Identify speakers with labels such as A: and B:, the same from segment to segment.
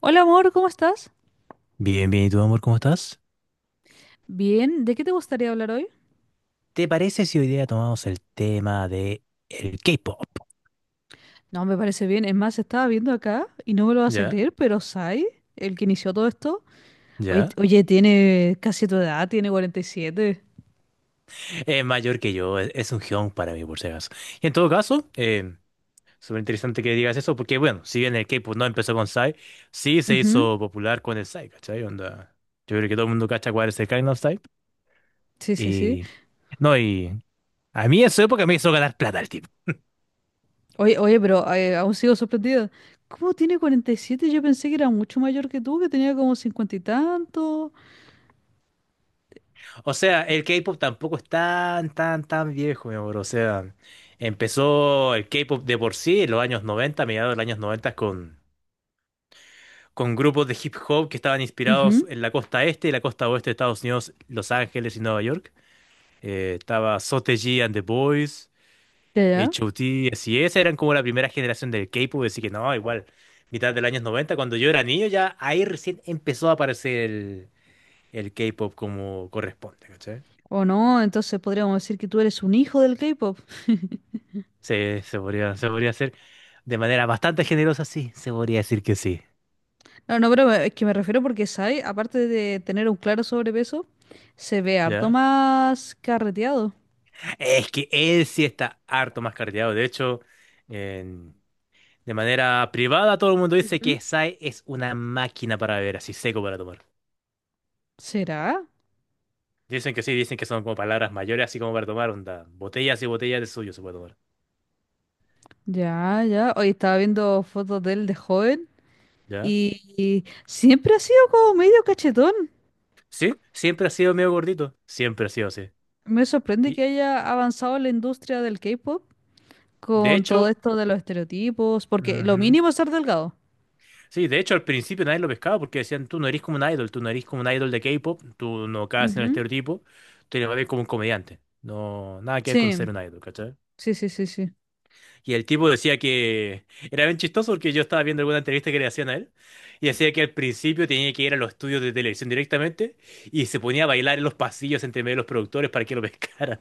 A: Hola amor, ¿cómo estás?
B: Bien, bien, ¿y tú, amor, cómo estás?
A: Bien, ¿de qué te gustaría hablar hoy?
B: ¿Te parece si hoy día tomamos el tema de el K-pop?
A: No, me parece bien. Es más, estaba viendo acá y no me lo vas a
B: ¿Ya?
A: creer, pero Sai, el que inició todo esto, oye,
B: ¿Ya?
A: oye, tiene casi tu edad, tiene 47.
B: Es mayor que yo, es un geón para mí, por si acaso. Y en todo caso, súper interesante que digas eso, porque bueno, si bien el K-pop no empezó con Psy, sí se
A: Ujú,
B: hizo popular con el Psy, ¿cachai? Onda, yo creo que todo el mundo cacha cuál es el Gangnam Style.
A: sí, sí, sí.
B: Y... No, y... A mí en su época me hizo ganar plata el tipo.
A: Oye, oye, pero aún sigo sorprendida. ¿Cómo tiene 47? Yo pensé que era mucho mayor que tú, que tenía como 50 y tanto.
B: O sea, el K-pop tampoco es tan viejo, mi amor. O sea, empezó el K-pop de por sí en los años 90, mediados de los años 90, con grupos de hip hop que estaban inspirados
A: Ujú,
B: en la costa este y la costa oeste de Estados Unidos, Los Ángeles y Nueva York. Estaba Sotaji and the Boys,
A: ya, ya.
B: H.O.T., así es, eran como la primera generación del K-pop, así que no, igual, mitad de los años 90, cuando yo era niño, ya ahí recién empezó a aparecer el K-pop como corresponde, ¿cachai?
A: O no, entonces podríamos decir que tú eres un hijo del K-pop.
B: Sí, se podría hacer de manera bastante generosa, sí, se podría decir que sí.
A: No, no, pero es que me refiero porque Sai, aparte de tener un claro sobrepeso, se ve harto
B: ¿Ya?
A: más carreteado.
B: Es que él sí está harto más carteado. De hecho, en- de manera privada todo el mundo dice
A: Ujú.
B: que Sai es una máquina para beber, así seco para tomar.
A: ¿Será?
B: Dicen que sí, dicen que son como palabras mayores, así como para tomar, onda. Botellas y botellas de suyo se puede tomar.
A: Ya, ya. Hoy estaba viendo fotos de él de joven
B: ¿Ya?
A: y siempre ha sido como medio cachetón.
B: Sí, siempre ha sido medio gordito. Siempre ha sido así.
A: Me sorprende
B: Y
A: que haya avanzado la industria del K-pop
B: de
A: con todo
B: hecho,
A: esto de los estereotipos, porque lo
B: Ujú.
A: mínimo es ser delgado.
B: Sí, de hecho al principio nadie lo pescaba porque decían, tú no eres como un idol, tú no eres como un idol de K-pop, tú no caes en el
A: Ujú.
B: estereotipo, tú eres más bien como un comediante. No, nada que ver con
A: Sí,
B: ser un idol, ¿cachai?
A: sí, sí, sí, sí.
B: Y el tipo decía que era bien chistoso porque yo estaba viendo alguna entrevista que le hacían a él y decía que al principio tenía que ir a los estudios de televisión directamente y se ponía a bailar en los pasillos entre medio de los productores para que lo pescaran.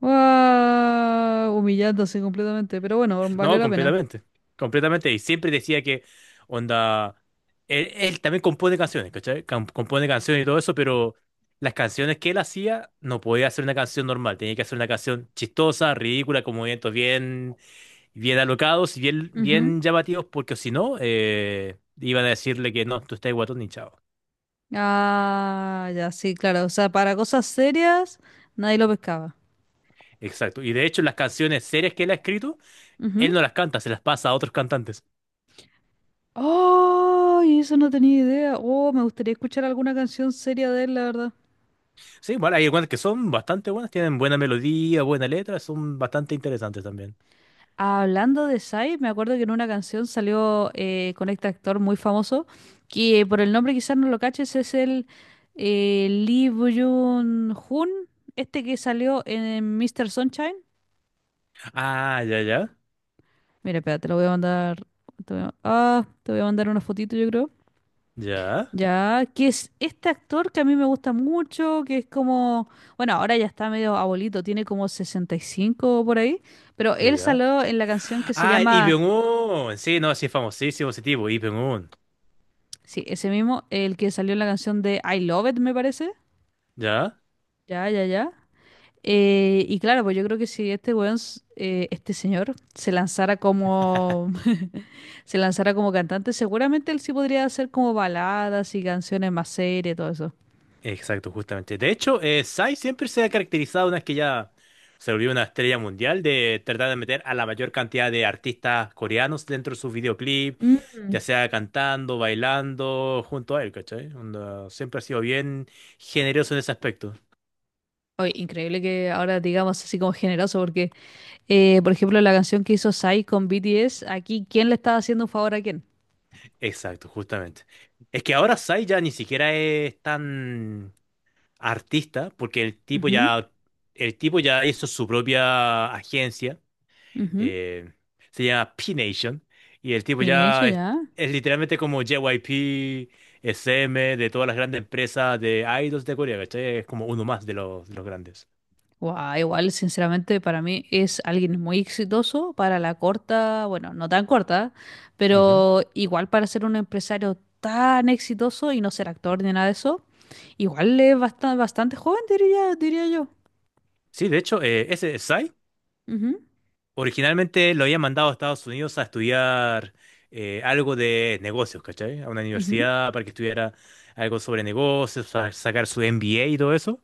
A: Guau, humillándose completamente, pero bueno, valió
B: No,
A: la pena.
B: completamente. Completamente. Y siempre decía que, onda, él también compone canciones, ¿cachai? Compone canciones y todo eso, pero las canciones que él hacía no podía hacer una canción normal. Tenía que hacer una canción chistosa, ridícula, con movimientos bien, bien alocados y bien,
A: Ujú.
B: bien llamativos, porque si no, iban a decirle que no, tú estás guatón ni chao.
A: Ah, ya, sí, claro. O sea, para cosas serias nadie lo pescaba.
B: Exacto. Y de hecho, las canciones serias que él ha escrito, él
A: Ujú.
B: no las canta, se las pasa a otros cantantes.
A: ¡Ay! Eso no tenía idea. Oh, me gustaría escuchar alguna canción seria de él, la verdad.
B: Sí, bueno, hay algunas que son bastante buenas, tienen buena melodía, buena letra, son bastante interesantes también.
A: Hablando de Sai, me acuerdo que en una canción salió con este actor muy famoso, que por el nombre quizás no lo caches, es el Lee Byung-hun, este que salió en Mr. Sunshine.
B: Ah, ya, ya,
A: Mira, espera, te lo voy a mandar. Te voy a mandar una fotito, yo creo.
B: ya,
A: Ya, que es este actor que a mí me gusta mucho, que es como, bueno, ahora ya está medio abuelito, tiene como 65 por ahí, pero
B: ya,
A: él
B: ya.
A: salió en la canción que se
B: Ah, Lee
A: llama,
B: Byung-hun, sí, no, sí, es famosísimo ese tipo, Lee Byung-hun,
A: sí, ese mismo, el que salió en la canción de I Love It, me parece.
B: ya,
A: Ya, ya, ya. Y claro, pues yo creo que si este weón, este señor, se lanzara como, se lanzara como cantante, seguramente él sí podría hacer como baladas y canciones más serias y todo eso.
B: exacto, justamente. De hecho, Psy siempre se ha caracterizado, una vez que ya se volvió una estrella mundial, de tratar de meter a la mayor cantidad de artistas coreanos dentro de sus videoclips,
A: Mm.
B: ya sea cantando, bailando, junto a él, ¿cachai? Onda, siempre ha sido bien generoso en ese aspecto.
A: Oye, increíble que ahora digamos así como generoso, porque, por ejemplo, la canción que hizo Psy con BTS, aquí, ¿quién le estaba haciendo un favor a quién?
B: Exacto, justamente. Es que ahora Sai ya ni siquiera es tan artista, porque
A: Ujú,
B: el tipo ya hizo su propia agencia,
A: ujú.
B: eh, se llama P-Nation, y el tipo
A: Pinecho
B: ya
A: ya.
B: es literalmente como JYP, SM, de todas las grandes empresas de idols de Corea, ¿cachai? Es como uno más de de los grandes.
A: Guau, igual, sinceramente, para mí es alguien muy exitoso para la corta, bueno, no tan corta,
B: Ujú.
A: pero igual para ser un empresario tan exitoso y no ser actor ni nada de eso, igual es bastante, bastante joven, diría, diría yo.
B: Sí, de hecho, ese Psy
A: Ujú,
B: originalmente lo había mandado a Estados Unidos a estudiar algo de negocios, ¿cachai? A una
A: ujú.
B: universidad para que estudiara algo sobre negocios, sacar su MBA y todo eso.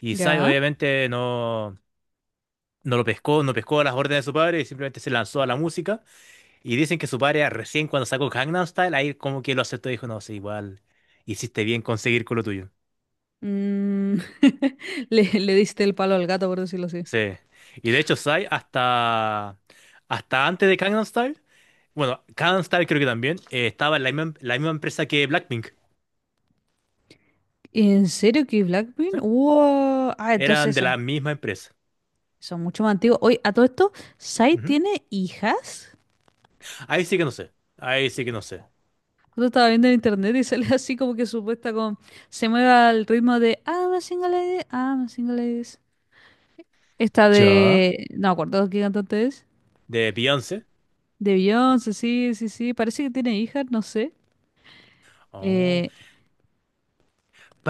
B: Y Sai
A: Ya.
B: obviamente no lo pescó, no pescó las órdenes de su padre y simplemente se lanzó a la música. Y dicen que su padre ah, recién cuando sacó Gangnam Style, ahí como que lo aceptó y dijo, no, sí, igual hiciste bien conseguir con lo tuyo.
A: Mm, le diste el palo al gato, por decirlo así.
B: Sí. Y de hecho Sai hasta antes de Gangnam Style, bueno, Kanstar creo que también estaba en la misma empresa que Blackpink.
A: ¿En serio que
B: ¿Sí?
A: Blackpink? ¡Wow! Ah,
B: Eran
A: entonces
B: de la misma empresa.
A: son mucho más antiguos. Oye, a todo esto, ¿Psy
B: Ujú.
A: tiene hijas?
B: Ahí sí que no sé. Ahí sí que no sé.
A: Yo estaba viendo en internet y sale así como que supuesta con. Se mueve al ritmo de I'm a single lady, I'm a single ladies. Esta
B: ¿Ya?
A: de. No me acuerdo qué cantante es.
B: ¿De Beyoncé?
A: De Beyoncé, sí, sí, sí. Parece que tiene hijas, no sé.
B: Oh,
A: Eh,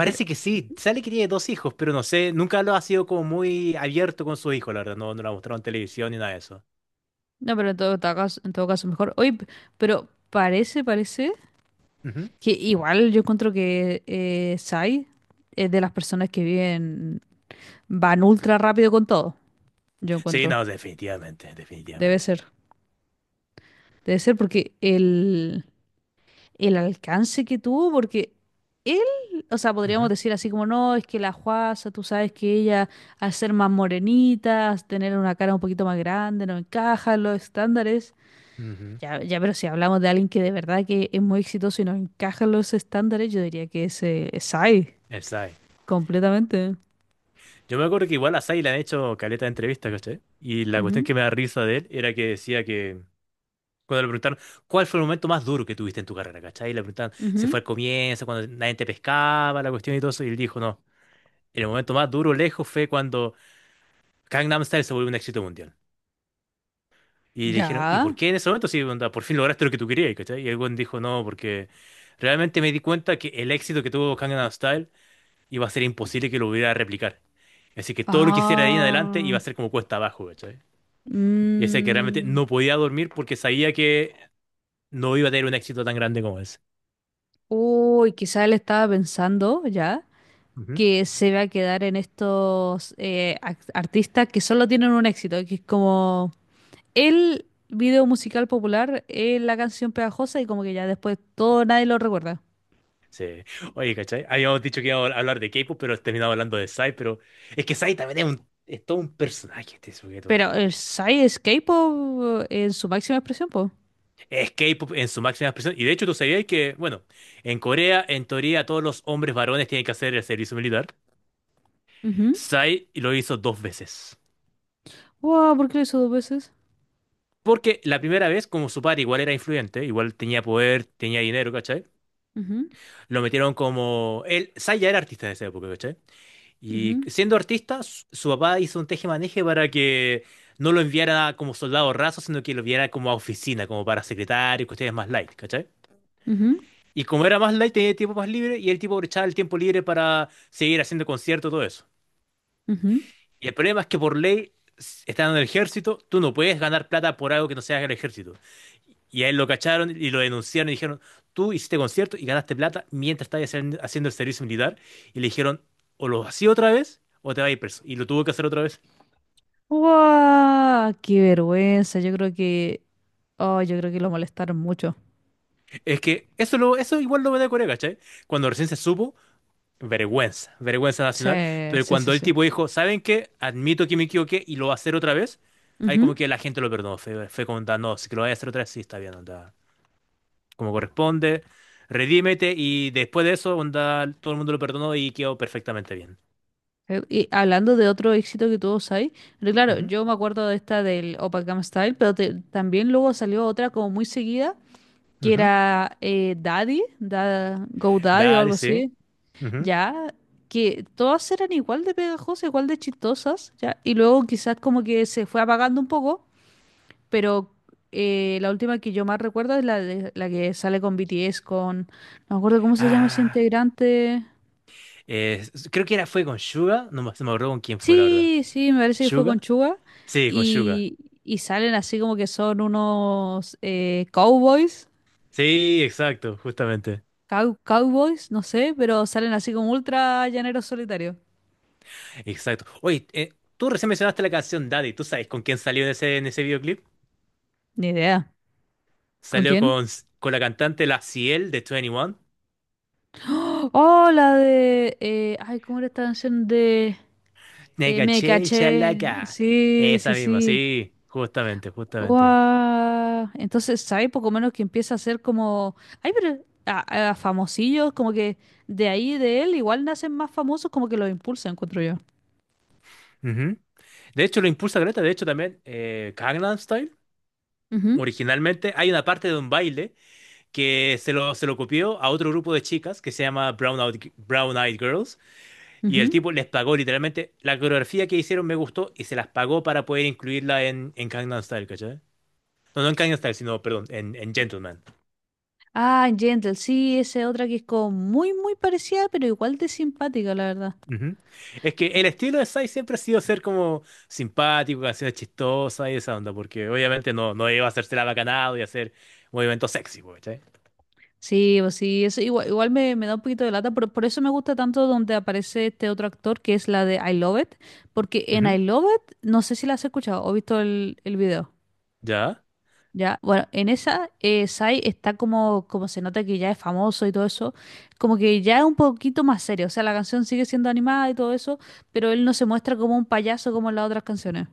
A: pero.
B: que sí. Sale que tiene dos hijos, pero no sé. Nunca lo ha sido como muy abierto con su hijo, la verdad. No, no lo ha mostrado en televisión ni nada de eso.
A: No, pero en todo caso, en todo caso mejor. Oye, pero parece, parece.
B: Ujú.
A: Que igual yo encuentro que Sai es de las personas que viven, van ultra rápido con todo. Yo
B: Sí,
A: encuentro.
B: no, definitivamente.
A: Debe
B: Definitivamente.
A: ser. Debe ser porque el alcance que tuvo, porque él, o sea, podríamos
B: Ujú,
A: decir así como, no, es que la Juaza, tú sabes que ella, al ser más morenita, al tener una cara un poquito más grande, no encaja en los estándares.
B: ujú.
A: Ya, ya, pero si hablamos de alguien que de verdad que es muy exitoso y no encaja en los estándares, yo diría que es Sai,
B: El Psy.
A: completamente.
B: Yo me acuerdo que igual a Sai le han hecho caleta de entrevistas, ¿cachai? Y la cuestión
A: Ujú,
B: que me da risa de él era que decía que cuando le preguntaron, ¿cuál fue el momento más duro que tuviste en tu carrera, cachai? Y le preguntaron, ¿se
A: ujú.
B: fue al comienzo, cuando nadie te pescaba, la cuestión y todo eso? Y él dijo, no, el momento más duro lejos fue cuando Gangnam Style se volvió un éxito mundial. Y le dijeron, ¿y
A: Ya.
B: por qué en ese momento sí, onda, por fin lograste lo que tú querías, cachai? Y el weón dijo, no, porque realmente me di cuenta que el éxito que tuvo Gangnam Style iba a ser imposible que lo hubiera replicar. Así que todo lo que hiciera de ahí en adelante iba
A: Ah.
B: a ser como cuesta abajo, ¿cachai? Y decía que realmente
A: mm,
B: no podía dormir porque sabía que no iba a tener un éxito tan grande como ese.
A: Uy, quizá él estaba pensando ya que se va a quedar en estos artistas que solo tienen un éxito, que es como el video musical popular, la canción pegajosa y como que ya después todo nadie lo recuerda.
B: Sí. Oye, ¿cachai? Habíamos dicho que íbamos a hablar de K-pop, pero terminamos hablando de Psy, pero es que Psy también es todo un personaje este sujeto.
A: Pero el Psy es K-pop en su máxima expresión, po.
B: Es K-pop en su máxima expresión. Y de hecho, tú sabías que, bueno, en Corea, en teoría, todos los hombres varones tienen que hacer el servicio militar.
A: Ujú.
B: Psy lo hizo dos veces.
A: Wow, ¿por qué lo hizo dos veces?
B: Porque la primera vez, como su padre igual era influyente, igual tenía poder, tenía dinero, ¿cachai?
A: Ujú,
B: Lo metieron como... Él, Psy ya era artista en esa época, ¿cachai? Y
A: ujú,
B: siendo artista, su papá hizo un tejemaneje para que no lo enviara como soldado raso, sino que lo enviara como a oficina, como para secretario y cuestiones más light, ¿cachai?
A: ujú,
B: Y como era más light, tenía tiempo más libre y el tipo aprovechaba el tiempo libre para seguir haciendo conciertos, todo eso.
A: ujú.
B: Y el problema es que por ley, estando en el ejército, tú no puedes ganar plata por algo que no sea el ejército. Y a él lo cacharon y lo denunciaron y dijeron, tú hiciste conciertos y ganaste plata mientras estabas haciendo el servicio militar. Y le dijeron, o lo hacía otra vez o te vas a ir preso. Y lo tuvo que hacer otra vez.
A: ¡Guau! ¡Qué vergüenza! Yo creo que. Oh, yo creo que lo molestaron mucho.
B: Es que eso igual lo me da Corea, ¿cachai? Cuando recién se supo, vergüenza, vergüenza
A: Sí,
B: nacional. Pero
A: sí, sí,
B: cuando el
A: sí.
B: tipo dijo, ¿saben qué? Admito que me equivoqué y lo va a hacer otra vez, ahí como
A: Ujú.
B: que la gente lo perdonó. Fue como, "Ah, no, si que lo voy a hacer otra vez, sí, está bien, onda. Como corresponde, redímete" y después de eso, onda, todo el mundo lo perdonó y quedó perfectamente bien.
A: Y hablando de otro éxito que tuvo Psy, pero claro,
B: Ujú,
A: yo me acuerdo de esta del Gangnam Style, pero también luego salió otra como muy seguida, que
B: ujú.
A: era Daddy, Go Daddy o
B: Dale,
A: algo
B: sí.
A: así,
B: Ujú.
A: ya, que todas eran igual de pegajosas, igual de chistosas, ya, y luego quizás como que se fue apagando un poco, pero la última que yo más recuerdo es la que sale con BTS, con. No me acuerdo cómo se llama ese
B: Ah,
A: integrante.
B: eh, Creo que era, fue con Suga, no me, se me acuerdo con quién fue, la verdad.
A: Sí, sí, me parece que fue con
B: ¿Suga?
A: Chuga.
B: Sí, con Suga.
A: Y, y salen así como que son unos cowboys,
B: Sí, exacto, justamente.
A: cowboys, no sé, pero salen así como ultra llaneros solitarios.
B: Exacto. Oye, tú recién mencionaste la canción Daddy. ¿Tú sabes con quién salió en en ese videoclip?
A: Ni idea. ¿Con
B: Salió
A: quién?
B: con la cantante La Ciel de Twenty One.
A: Oh, ¡oh, la de, ay! ¿Cómo era esta canción de? eh,
B: Nega
A: me
B: Chel
A: caché.
B: Chalaca.
A: Sí, sí,
B: Esa misma,
A: sí.
B: sí, justamente, justamente.
A: Guau. Entonces, ¿sabes? Poco menos que empieza a ser como. Ay, pero. A famosillos, como que de ahí de él igual nacen más famosos, como que los impulsa, encuentro yo.
B: Ujú. De hecho, lo impulsa Greta. De hecho, también Gangnam Style
A: Ujú,
B: originalmente hay una parte de un baile que se lo copió a otro grupo de chicas que se llama Brown Eyed Girls. Y el
A: ujú.
B: tipo les pagó literalmente. La coreografía que hicieron me gustó y se las pagó para poder incluirla en Gangnam Style, ¿cachai? No, no en Gangnam Style, sino, perdón, en Gentleman.
A: Ah, Gentle, sí, esa es otra que es como muy, muy parecida, pero igual de simpática, la verdad.
B: Ujú. Es que el estilo de Psy siempre ha sido ser como simpático, canciones chistosas y esa onda, porque obviamente no iba a hacerse la bacanado y hacer movimientos sexy, po, ¿cachai?
A: Sí, pues sí, eso igual, igual me da un poquito de lata, por eso me gusta tanto donde aparece este otro actor, que es la de I Love It, porque en
B: Ujú.
A: I Love It, no sé si la has escuchado o visto el video.
B: ¿Ya?
A: Ya, bueno, en esa Sai está como se nota que ya es famoso y todo eso, como que ya es un poquito más serio, o sea, la canción sigue siendo animada y todo eso, pero él no se muestra como un payaso como en las otras canciones.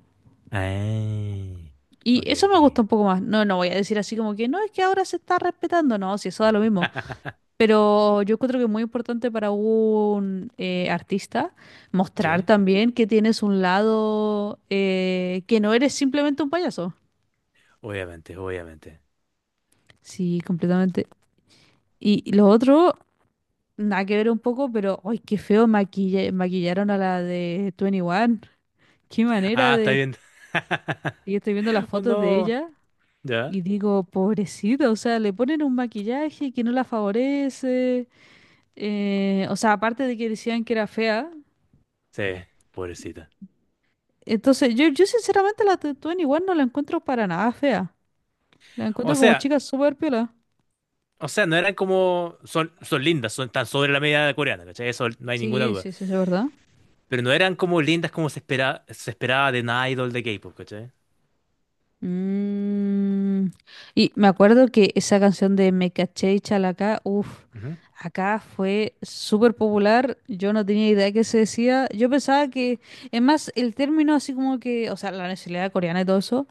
B: Ay.
A: Y
B: Ok,
A: eso
B: ok.
A: me gusta un poco más. No, no voy a decir así como que no, es que ahora se está respetando, no, si eso da lo mismo. Pero yo creo que es muy importante para un artista mostrar
B: Sí,
A: también que tienes un lado que no eres simplemente un payaso.
B: obviamente, obviamente.
A: Sí, completamente. Y lo otro. Nada que ver un poco, pero ¡ay, qué feo maquillaron a la de 21! ¡Qué manera
B: Ah, está
A: de!
B: bien.
A: Y estoy viendo las
B: Oh
A: fotos de
B: no.
A: ella y
B: ¿Ya?
A: digo, pobrecita, o sea, le ponen un maquillaje que no la favorece. O sea, aparte de que decían que era fea.
B: Sí, pobrecita.
A: Entonces, yo sinceramente la de 21 no la encuentro para nada fea. La
B: O
A: encuentro como
B: sea,
A: chica súper piola.
B: o sea, no eran como. Son, son lindas, son tan sobre la media coreana, ¿cachai? Eso no hay
A: Sí,
B: ninguna
A: sí,
B: duda.
A: sí, eso es verdad.
B: Pero no eran como lindas como se espera, se esperaba de una idol de K-pop, ¿cachai?
A: Mm, y me acuerdo que esa canción de Me caché y Chalacá, uff,
B: Ujú,
A: acá fue súper popular. Yo no tenía idea de qué se decía. Yo pensaba que, es más, el término así como que, o sea, la nacionalidad coreana y todo eso,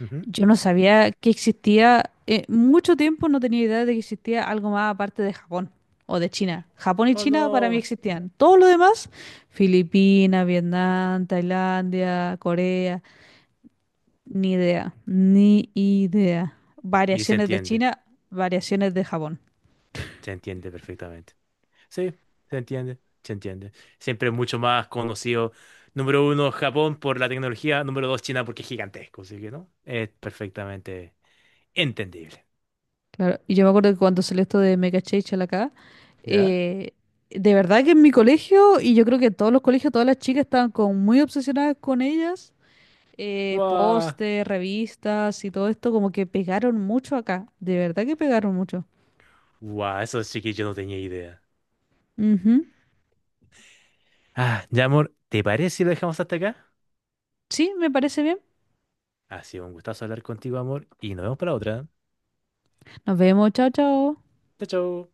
B: ujú.
A: yo no sabía que existía. Mucho tiempo no tenía idea de que existía algo más aparte de Japón o de China. Japón y
B: Oh
A: China para mí
B: no.
A: existían. Todo lo demás, Filipinas, Vietnam, Tailandia, Corea. Ni idea, ni idea.
B: Y
A: Variaciones de China, variaciones de Japón.
B: se entiende perfectamente. Sí, se entiende, se entiende. Siempre es mucho más conocido, número uno, Japón por la tecnología, número dos, China porque es gigantesco, así que no. Es perfectamente entendible.
A: Claro, y yo me acuerdo que cuando salió esto de Mega Chachal acá,
B: ¿Ya?
A: eh, de verdad que en mi colegio, y yo creo que en todos los colegios, todas las chicas estaban como muy obsesionadas con ellas.
B: Guau.
A: Póster, revistas y todo esto, como que pegaron mucho acá. De verdad que pegaron mucho.
B: Guau, eso sí que yo no tenía idea.
A: Ujú.
B: Ah, ya, amor, ¿te parece si lo dejamos hasta acá?
A: Sí, me parece bien.
B: Ha sido un gustazo hablar contigo, amor, y nos vemos para otra.
A: Nos vemos, chao, chao.
B: Chao, chao.